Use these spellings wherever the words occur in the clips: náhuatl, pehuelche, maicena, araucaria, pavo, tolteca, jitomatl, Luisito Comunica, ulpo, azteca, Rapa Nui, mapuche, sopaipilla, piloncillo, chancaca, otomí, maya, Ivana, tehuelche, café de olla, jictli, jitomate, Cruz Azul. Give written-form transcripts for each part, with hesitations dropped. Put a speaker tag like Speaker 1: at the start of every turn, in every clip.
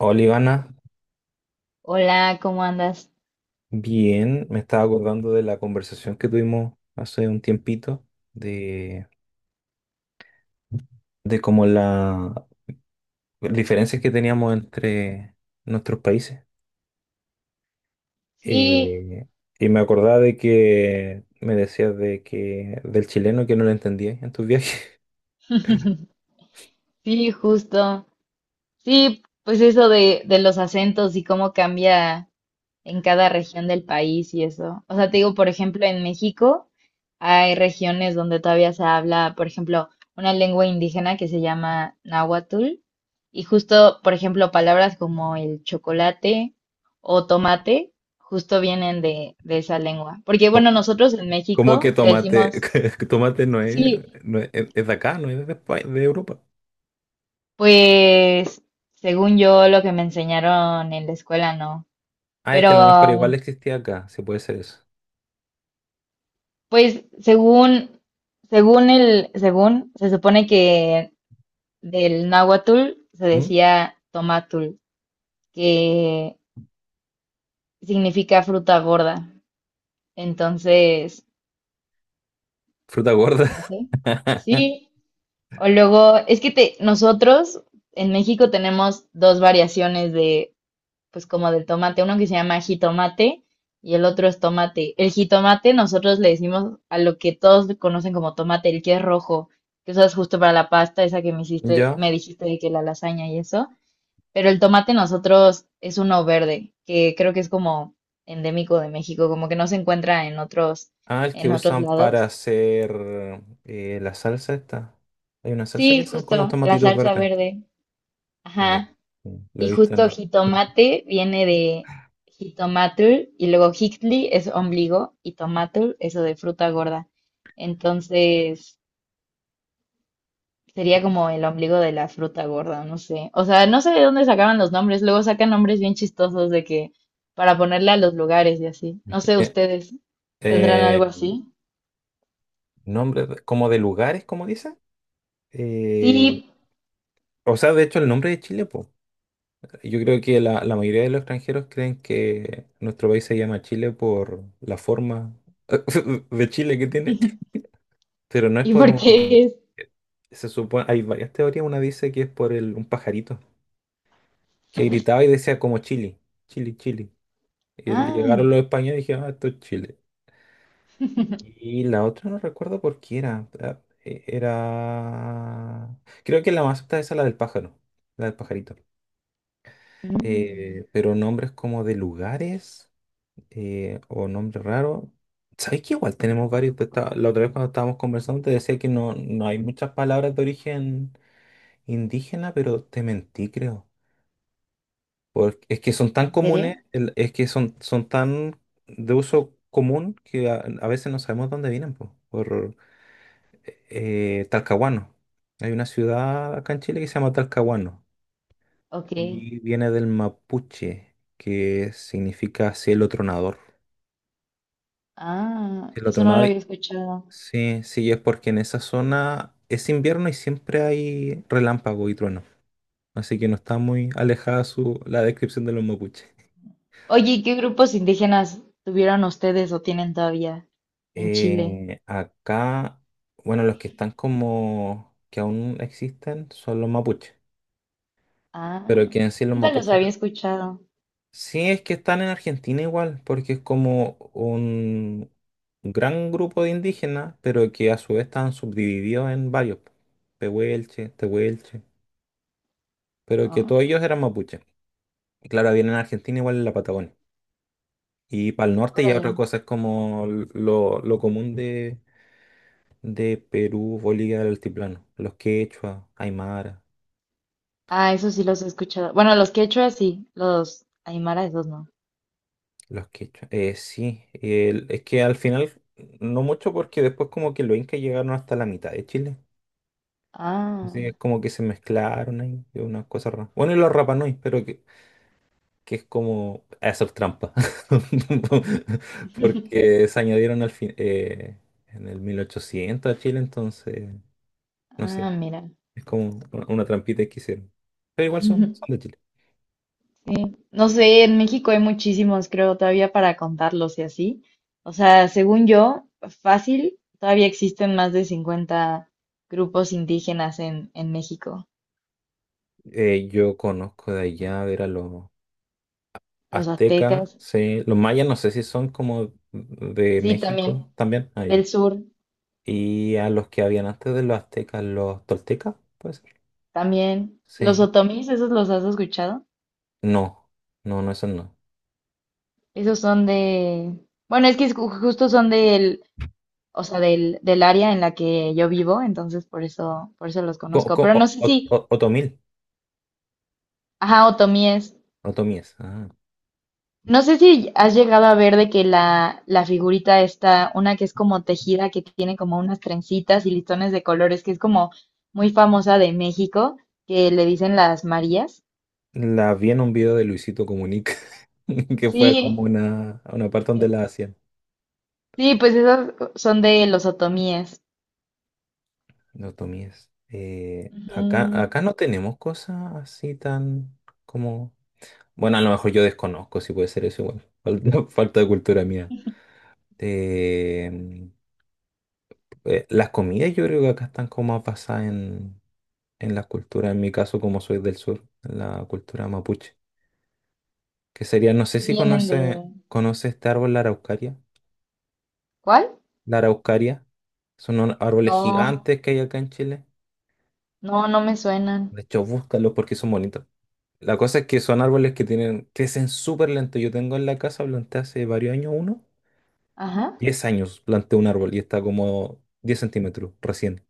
Speaker 1: Hola Ivana,
Speaker 2: Hola, ¿cómo andas?
Speaker 1: bien, me estaba acordando de la conversación que tuvimos hace un tiempito, de, de como las diferencias que teníamos entre nuestros países.
Speaker 2: Sí,
Speaker 1: Eh, y me acordaba de que me decías de que del chileno que no lo entendías en tus viajes.
Speaker 2: sí, justo. Sí, pues eso de los acentos y cómo cambia en cada región del país y eso. O sea, te digo, por ejemplo, en México hay regiones donde todavía se habla, por ejemplo, una lengua indígena que se llama náhuatl. Y justo, por ejemplo, palabras como el chocolate o tomate, justo vienen de esa lengua. Porque,
Speaker 1: Co-
Speaker 2: bueno, nosotros en
Speaker 1: Como que
Speaker 2: México le
Speaker 1: tomate,
Speaker 2: decimos,
Speaker 1: tomate no es,
Speaker 2: sí.
Speaker 1: no es, es de acá, no es de España, de Europa.
Speaker 2: Pues, según yo, lo que me enseñaron en la escuela, no.
Speaker 1: Ah, es que a lo mejor igual
Speaker 2: Pero,
Speaker 1: existía acá, si puede ser eso.
Speaker 2: pues, según, se supone que del náhuatl se
Speaker 1: ¿Mm?
Speaker 2: decía tomatul, que significa fruta gorda. Entonces,
Speaker 1: Fruta gorda.
Speaker 2: no sé. Sí. O luego, nosotros en México tenemos dos variaciones de pues como del tomate, uno que se llama jitomate y el otro es tomate. El jitomate nosotros le decimos a lo que todos conocen como tomate, el que es rojo, que usas justo para la pasta, esa que me hiciste,
Speaker 1: ¿Ya?
Speaker 2: me dijiste de que la lasaña y eso. Pero el tomate nosotros es uno verde, que creo que es como endémico de México, como que no se encuentra en otros,
Speaker 1: Ah, el que
Speaker 2: en otros
Speaker 1: usan para
Speaker 2: lados.
Speaker 1: hacer la salsa esta. Hay una salsa
Speaker 2: Sí,
Speaker 1: que son con unos
Speaker 2: justo, la
Speaker 1: tomatitos
Speaker 2: salsa
Speaker 1: verdes.
Speaker 2: verde.
Speaker 1: Ya.
Speaker 2: Ajá.
Speaker 1: Sí, lo he
Speaker 2: Y
Speaker 1: visto en
Speaker 2: justo
Speaker 1: el...
Speaker 2: jitomate viene de jitomatl y luego jictli es ombligo y tomatl eso de fruta gorda. Entonces sería como el ombligo de la fruta gorda, no sé. O sea, no sé de dónde sacaban los nombres. Luego sacan nombres bien chistosos de que para ponerle a los lugares y así. No sé,
Speaker 1: Eh,
Speaker 2: ustedes tendrán
Speaker 1: eh,
Speaker 2: algo así.
Speaker 1: como de lugares, como dice. Eh,
Speaker 2: Sí.
Speaker 1: o sea, de hecho, el nombre de Chile, pues. Yo creo que la mayoría de los extranjeros creen que nuestro país se llama Chile por la forma de Chile que tiene. Pero no es
Speaker 2: ¿Y
Speaker 1: por
Speaker 2: por
Speaker 1: un...
Speaker 2: qué es?
Speaker 1: Se supone, hay varias teorías. Una dice que es por un pajarito que gritaba y decía como Chile, Chile, Chile. Y
Speaker 2: Ah.
Speaker 1: llegaron los españoles y dijeron, "Ah, esto es Chile". Y la otra no recuerdo por qué era. Creo que la más alta es la del pájaro, la del pajarito.
Speaker 2: Mm,
Speaker 1: Pero nombres como de lugares, o nombres raros. ¿Sabes que igual tenemos varios? Pues, la otra vez cuando estábamos conversando te decía que no, no hay muchas palabras de origen indígena, pero te mentí, creo. Porque es que son tan
Speaker 2: ¿en serio?
Speaker 1: comunes, es que son tan de uso común que a veces no sabemos dónde vienen, po. Por Talcahuano. Hay una ciudad acá en Chile que se llama Talcahuano
Speaker 2: Ok.
Speaker 1: y viene del mapuche, que significa cielo tronador.
Speaker 2: Ah,
Speaker 1: Cielo
Speaker 2: eso no lo
Speaker 1: tronador,
Speaker 2: había escuchado.
Speaker 1: sí, sí, es porque en esa zona es invierno y siempre hay relámpago y trueno. Así que no está muy alejada la descripción de los mapuches.
Speaker 2: Oye, ¿y qué grupos indígenas tuvieron ustedes o tienen todavía en Chile?
Speaker 1: Acá, bueno, los que están como que aún existen son los mapuches,
Speaker 2: Ah,
Speaker 1: pero quieren decir los
Speaker 2: nunca los
Speaker 1: mapuches
Speaker 2: había
Speaker 1: acá.
Speaker 2: escuchado.
Speaker 1: Sí, es que están en Argentina igual, porque es como un gran grupo de indígenas, pero que a su vez están subdivididos en varios, po. Pehuelche, tehuelche, pero que todos
Speaker 2: Ah,
Speaker 1: ellos eran mapuches. Y claro, vienen en Argentina igual en la Patagonia. Y para el norte ya otra
Speaker 2: órale.
Speaker 1: cosa es como lo común de Perú, Bolivia del altiplano, los quechua, aymara,
Speaker 2: Ah, eso sí los he escuchado. Bueno, los quechua sí, los aymara esos no.
Speaker 1: los quechua. Sí, es que al final no mucho porque después como que los incas llegaron hasta la mitad de Chile.
Speaker 2: Ah,
Speaker 1: Así que es como que se mezclaron ahí, es una cosa rara. Bueno, y los Rapa Nui, pero que, es como hacer trampa. Porque se añadieron al fin, en el 1800 a Chile, entonces, no sé,
Speaker 2: ah, mira.
Speaker 1: es como una trampita que hicieron. Pero igual son de Chile.
Speaker 2: Sí. No sé, en México hay muchísimos, creo, todavía para contarlos y así. O sea, según yo, fácil, todavía existen más de 50 grupos indígenas en México.
Speaker 1: Yo conozco de allá, a ver, a los
Speaker 2: Los
Speaker 1: aztecas,
Speaker 2: aztecas.
Speaker 1: sí. Los mayas no sé si son como de
Speaker 2: Sí, también.
Speaker 1: México también. Ah,
Speaker 2: Del
Speaker 1: ya.
Speaker 2: sur,
Speaker 1: Y a los que habían antes de los aztecas, los toltecas, puede ser.
Speaker 2: también. Los
Speaker 1: Sí.
Speaker 2: otomís, ¿esos los has escuchado?
Speaker 1: No, no, no, esos no.
Speaker 2: Esos son de... Bueno, es que es justo son del, o sea, del área en la que yo vivo, entonces por eso los
Speaker 1: Co-
Speaker 2: conozco.
Speaker 1: co-
Speaker 2: Pero no
Speaker 1: o-
Speaker 2: sé
Speaker 1: o-
Speaker 2: si,
Speaker 1: o- otomil,
Speaker 2: ajá, otomíes.
Speaker 1: otomíes. Ah.
Speaker 2: No sé si has llegado a ver de que la figurita está, una que es como tejida, que tiene como unas trencitas y listones de colores, que es como muy famosa de México, que le dicen las Marías.
Speaker 1: La vi en un video de Luisito Comunica, que fue como
Speaker 2: Sí,
Speaker 1: a una parte donde la hacían.
Speaker 2: sí, pues esas son de los otomíes.
Speaker 1: Los otomíes.
Speaker 2: Ujú.
Speaker 1: Acá no tenemos cosas así tan como... Bueno, a lo mejor yo desconozco si puede ser eso igual. Falta de cultura mía. Eh, las comidas yo creo que acá están como más basadas en, la cultura, en mi caso como soy del sur, en la cultura mapuche. Que sería, no sé
Speaker 2: ¿Qué
Speaker 1: si
Speaker 2: tienen
Speaker 1: conoce,
Speaker 2: de...?
Speaker 1: conoce este árbol, la araucaria.
Speaker 2: ¿Cuál?
Speaker 1: La araucaria. Son unos árboles
Speaker 2: No,
Speaker 1: gigantes que hay acá en Chile.
Speaker 2: no, no me suenan.
Speaker 1: De hecho, búscalos porque son bonitos. La cosa es que son árboles que crecen súper lento. Yo tengo en la casa, planté hace varios años uno.
Speaker 2: Ajá.
Speaker 1: 10 años planté un árbol y está como 10 centímetros recién.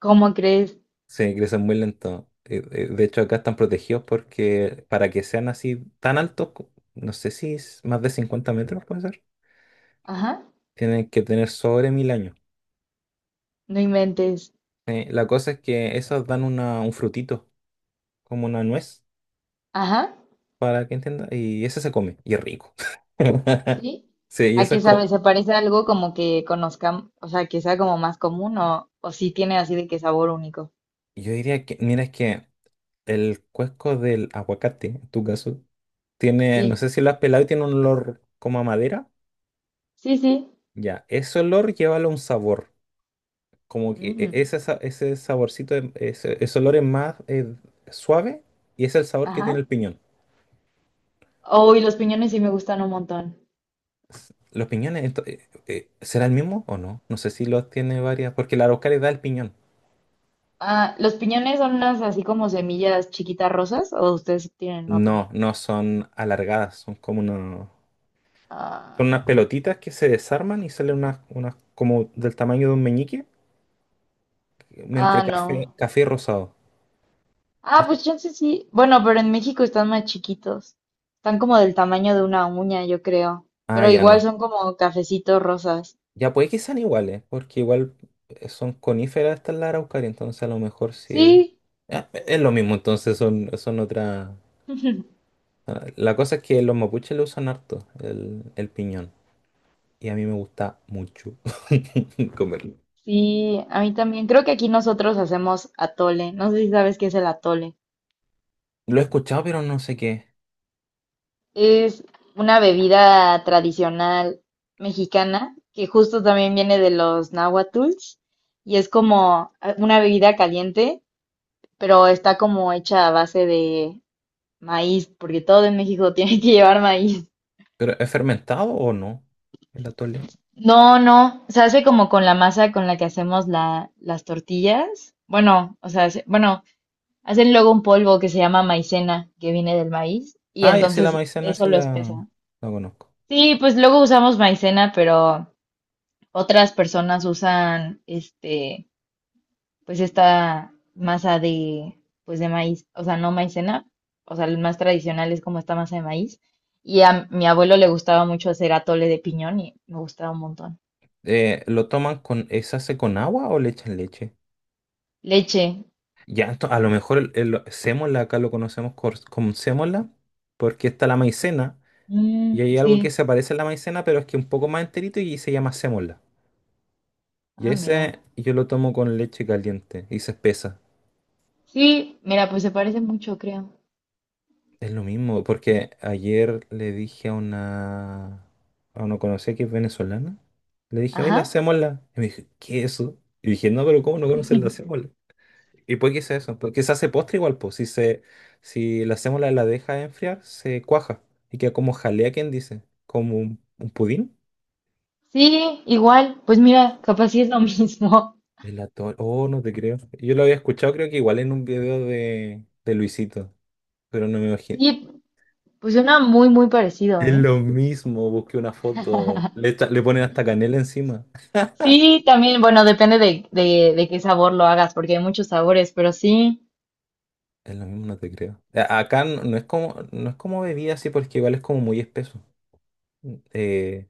Speaker 2: ¿Cómo crees?
Speaker 1: Se crecen muy lento. De hecho, acá están protegidos porque para que sean así tan altos, no sé si es más de 50 metros, puede ser,
Speaker 2: Ajá.
Speaker 1: tienen que tener sobre 1000 años.
Speaker 2: No inventes.
Speaker 1: La cosa es que esos dan un frutito, como una nuez,
Speaker 2: Ajá.
Speaker 1: para que entienda, y ese se come, y es rico.
Speaker 2: ¿Sí?
Speaker 1: Sí, y
Speaker 2: ¿A
Speaker 1: eso
Speaker 2: qué
Speaker 1: es
Speaker 2: sabe?
Speaker 1: como,
Speaker 2: ¿Se parece a algo como que conozcamos, o sea, que sea como más común o sí tiene así de que sabor único?
Speaker 1: yo diría que, mira, es que el cuesco del aguacate, en tu caso, tiene, no
Speaker 2: Sí,
Speaker 1: sé si lo has pelado y tiene un olor como a madera.
Speaker 2: sí, sí.
Speaker 1: Ya, ese olor llévalo a un sabor. Como que
Speaker 2: Mm,
Speaker 1: ese, ese saborcito, ese olor es más suave y es el sabor que tiene
Speaker 2: ajá.
Speaker 1: el piñón.
Speaker 2: Oh, y los piñones sí me gustan un montón.
Speaker 1: Los piñones, ¿será el mismo o no? No sé si los tiene varias, porque la araucaria da el piñón.
Speaker 2: Ah, ¿los piñones son unas así como semillas chiquitas rosas o ustedes tienen otro?
Speaker 1: No, no son alargadas, son como son unas,
Speaker 2: Ah,
Speaker 1: pelotitas que se desarman y salen unas como del tamaño de un meñique, entre
Speaker 2: ah, no.
Speaker 1: café y rosado.
Speaker 2: Ah, pues chance sí. Bueno, pero en México están más chiquitos. Están como del tamaño de una uña, yo creo.
Speaker 1: Ah,
Speaker 2: Pero
Speaker 1: ya
Speaker 2: igual
Speaker 1: no.
Speaker 2: son como cafecitos rosas.
Speaker 1: Ya puede que sean iguales, porque igual son coníferas estas la araucaria, entonces a lo mejor sí es...
Speaker 2: Sí.
Speaker 1: Ah, es lo mismo, entonces son otras... Ah, la cosa es que los mapuches lo usan harto, el piñón, y a mí me gusta mucho comerlo.
Speaker 2: Sí, a mí también. Creo que aquí nosotros hacemos atole. No sé si sabes qué es el atole.
Speaker 1: Lo he escuchado, pero no sé qué.
Speaker 2: Es una bebida tradicional mexicana que justo también viene de los náhuatls y es como una bebida caliente, pero está como hecha a base de maíz, porque todo en México tiene que llevar maíz.
Speaker 1: ¿Pero es fermentado o no? El atole.
Speaker 2: No, no, se hace como con la masa con la que hacemos las tortillas. Bueno, o sea, bueno, hacen luego un polvo que se llama maicena, que viene del maíz, y
Speaker 1: Ah, ya sí, la
Speaker 2: entonces
Speaker 1: maicena
Speaker 2: eso
Speaker 1: sí
Speaker 2: lo
Speaker 1: la,
Speaker 2: espesa.
Speaker 1: la conozco.
Speaker 2: Sí, pues luego usamos maicena, pero otras personas usan pues esta masa pues de maíz, o sea, no maicena, o sea, el más tradicional es como esta masa de maíz. Y a mi abuelo le gustaba mucho hacer atole de piñón y me gustaba un montón.
Speaker 1: ¿Lo toman con... ¿se hace con agua o le echan leche?
Speaker 2: Leche,
Speaker 1: Ya, a lo mejor el sémola acá lo conocemos como sémola, porque está la maicena,
Speaker 2: mm,
Speaker 1: y hay algo que
Speaker 2: sí,
Speaker 1: se parece a la maicena, pero es que un poco más enterito y se llama sémola. Y
Speaker 2: ah, mira,
Speaker 1: ese yo lo tomo con leche caliente y se espesa.
Speaker 2: sí, mira, pues se parece mucho, creo.
Speaker 1: Es lo mismo, porque ayer le dije a una, conocida que es venezolana, le dije, oye, la
Speaker 2: Ajá,
Speaker 1: sémola. Y me dijo, ¿qué es eso? Y dije, no, pero ¿cómo no conoces la sémola? Y puede que sea eso, porque se hace postre igual, pues si se, si la hacemos la deja enfriar, se cuaja y queda como jalea, ¿quién dice? Como un pudín.
Speaker 2: sí, igual, pues mira, capaz sí es lo mismo.
Speaker 1: Oh, no te creo. Yo lo había escuchado, creo que igual en un video de Luisito, pero no me imagino.
Speaker 2: Sí, pues suena muy, muy parecido,
Speaker 1: Es
Speaker 2: ¿eh?
Speaker 1: lo mismo, busqué una foto, le ponen hasta canela encima.
Speaker 2: Sí, también, bueno, depende de qué sabor lo hagas, porque hay muchos sabores, pero sí,
Speaker 1: Es lo mismo, no te creo. Acá no, no es como, no es como bebida así, porque igual es como muy espeso. Eh,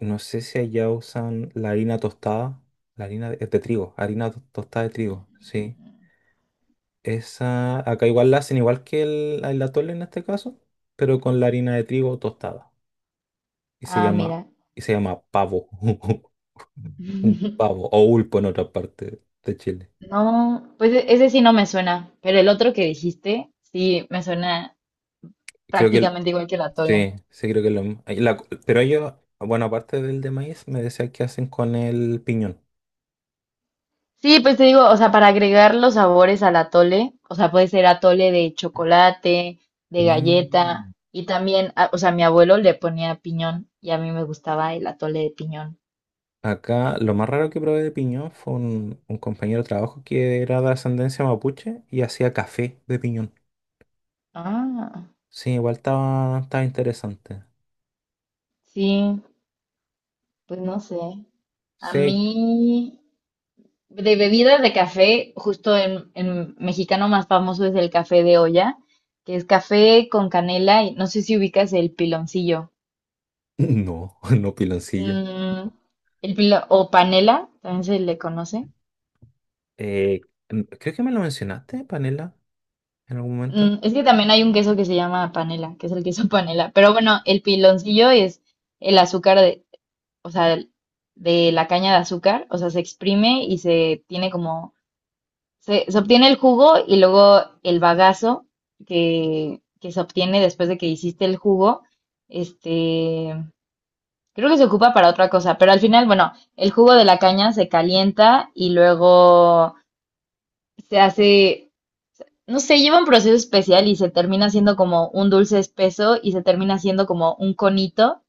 Speaker 1: No sé si allá usan la harina tostada, la harina de trigo, harina tostada de trigo, sí. Esa, acá igual la hacen igual que el atole en este caso, pero con la harina de trigo tostada. Y se
Speaker 2: ah,
Speaker 1: llama,
Speaker 2: mira.
Speaker 1: y se llama pavo. Un pavo, o ulpo en otra parte de Chile.
Speaker 2: No, pues ese sí no me suena, pero el otro que dijiste sí me suena
Speaker 1: Creo que,
Speaker 2: prácticamente igual que el atole.
Speaker 1: sí, sí creo que es lo mismo. Ahí pero ellos, bueno, aparte del de maíz, me decían que hacen con el piñón.
Speaker 2: Sí, pues te digo, o sea, para agregar los sabores al atole, o sea, puede ser atole de chocolate, de galleta,
Speaker 1: Mm.
Speaker 2: y también, o sea, mi abuelo le ponía piñón y a mí me gustaba el atole de piñón.
Speaker 1: Acá lo más raro que probé de piñón fue un compañero de trabajo que era de ascendencia mapuche y hacía café de piñón.
Speaker 2: Ah,
Speaker 1: Sí, igual estaba interesante.
Speaker 2: sí, pues no sé. A
Speaker 1: Sí,
Speaker 2: mí, De bebidas de café, justo en mexicano más famoso es el café de olla, que es café con canela y no sé si ubicas el piloncillo.
Speaker 1: no, no piloncillo.
Speaker 2: Mm, o panela, también se le conoce.
Speaker 1: Eh, creo que me lo mencionaste, panela, en algún momento.
Speaker 2: Mm, es que también hay un queso que se llama panela, que es el queso panela. Pero bueno, el piloncillo es el azúcar de, o sea, de la caña de azúcar, o sea, se exprime y se tiene como. Se obtiene el jugo y luego el bagazo que se obtiene después de que hiciste el jugo. Este, Creo que se ocupa para otra cosa, pero al final, bueno, el jugo de la caña se calienta y luego se hace, no sé, lleva un proceso especial y se termina siendo como un dulce espeso y se termina siendo como un conito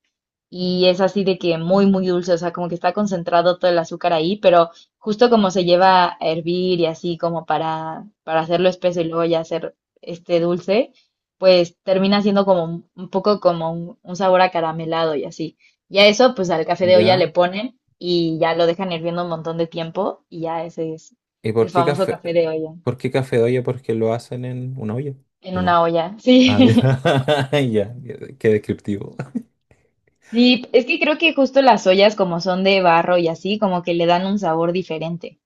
Speaker 2: y es así de que muy, muy dulce, o sea, como que está concentrado todo el azúcar ahí, pero justo como se lleva a hervir y así como para hacerlo espeso y luego ya hacer este dulce, pues termina siendo como un poco como un sabor acaramelado y así. Y a eso, pues al café de olla
Speaker 1: Ya.
Speaker 2: le ponen y ya lo dejan hirviendo un montón de tiempo y ya ese es
Speaker 1: ¿Y por
Speaker 2: el
Speaker 1: qué
Speaker 2: famoso
Speaker 1: café?
Speaker 2: café de olla,
Speaker 1: ¿Por qué café de olla? ¿Porque lo hacen en una olla?
Speaker 2: en
Speaker 1: ¿O no?
Speaker 2: una olla,
Speaker 1: Ah, ya.
Speaker 2: sí.
Speaker 1: Ya, qué descriptivo.
Speaker 2: Sí, es que creo que justo las ollas como son de barro y así, como que le dan un sabor diferente.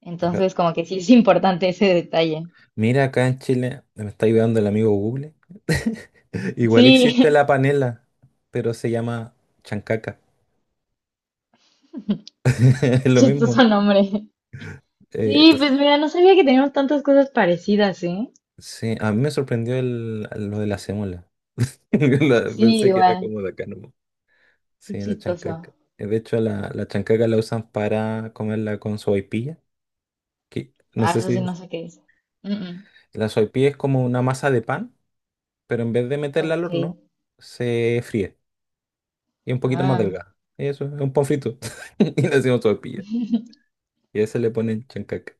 Speaker 2: Entonces, como que sí es importante ese detalle.
Speaker 1: Mira, acá en Chile, me está ayudando el amigo Google. Igual existe
Speaker 2: Sí,
Speaker 1: la panela, pero se llama chancaca. Es
Speaker 2: qué
Speaker 1: lo mismo.
Speaker 2: chistoso nombre.
Speaker 1: Eh,
Speaker 2: Sí, pues mira, no sabía que teníamos tantas cosas parecidas, ¿eh?
Speaker 1: sí, a mí me sorprendió lo de la sémola.
Speaker 2: Sí,
Speaker 1: Pensé que era
Speaker 2: igual.
Speaker 1: como de acá nomás.
Speaker 2: Qué
Speaker 1: Sí, la
Speaker 2: chistoso.
Speaker 1: chancaca. De hecho, la chancaca la usan para comerla con sopaipilla. Que, no
Speaker 2: Ah,
Speaker 1: sé
Speaker 2: eso sí
Speaker 1: si
Speaker 2: no sé qué es. Mm, mm.
Speaker 1: la sopaipilla es como una masa de pan, pero en vez de meterla al
Speaker 2: Ok.
Speaker 1: horno, se fríe y es un poquito más
Speaker 2: Ah,
Speaker 1: delgada. Y eso es un pan frito. Y le decimos sopaipilla. Y a eso le ponen chancaca.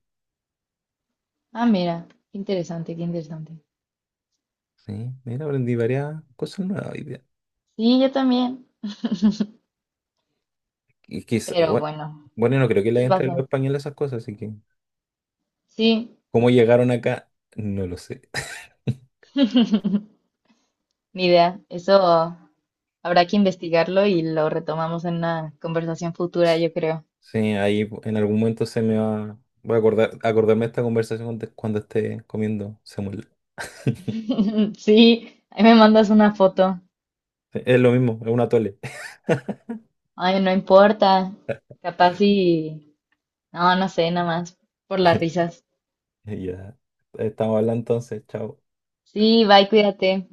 Speaker 2: ah, mira. Qué interesante, qué interesante.
Speaker 1: Sí, mira, aprendí varias cosas nuevas hoy día.
Speaker 2: Sí, yo también.
Speaker 1: Y quizá,
Speaker 2: Pero bueno,
Speaker 1: bueno, no creo que le
Speaker 2: ¿qué
Speaker 1: entre los
Speaker 2: pasó?
Speaker 1: españoles esas cosas, así que
Speaker 2: Sí,
Speaker 1: cómo llegaron acá, no lo sé.
Speaker 2: ni idea. Eso habrá que investigarlo y lo retomamos en una conversación futura, yo creo.
Speaker 1: Sí, ahí en algún momento se me va, acordarme de esta conversación cuando esté comiendo semuela.
Speaker 2: Sí, ahí me mandas una foto.
Speaker 1: Es lo mismo, es una tole.
Speaker 2: Ay, no importa. Capaz y... No, no sé, nada más. Por las risas.
Speaker 1: Ya, estamos hablando entonces, chao.
Speaker 2: Sí, bye, cuídate.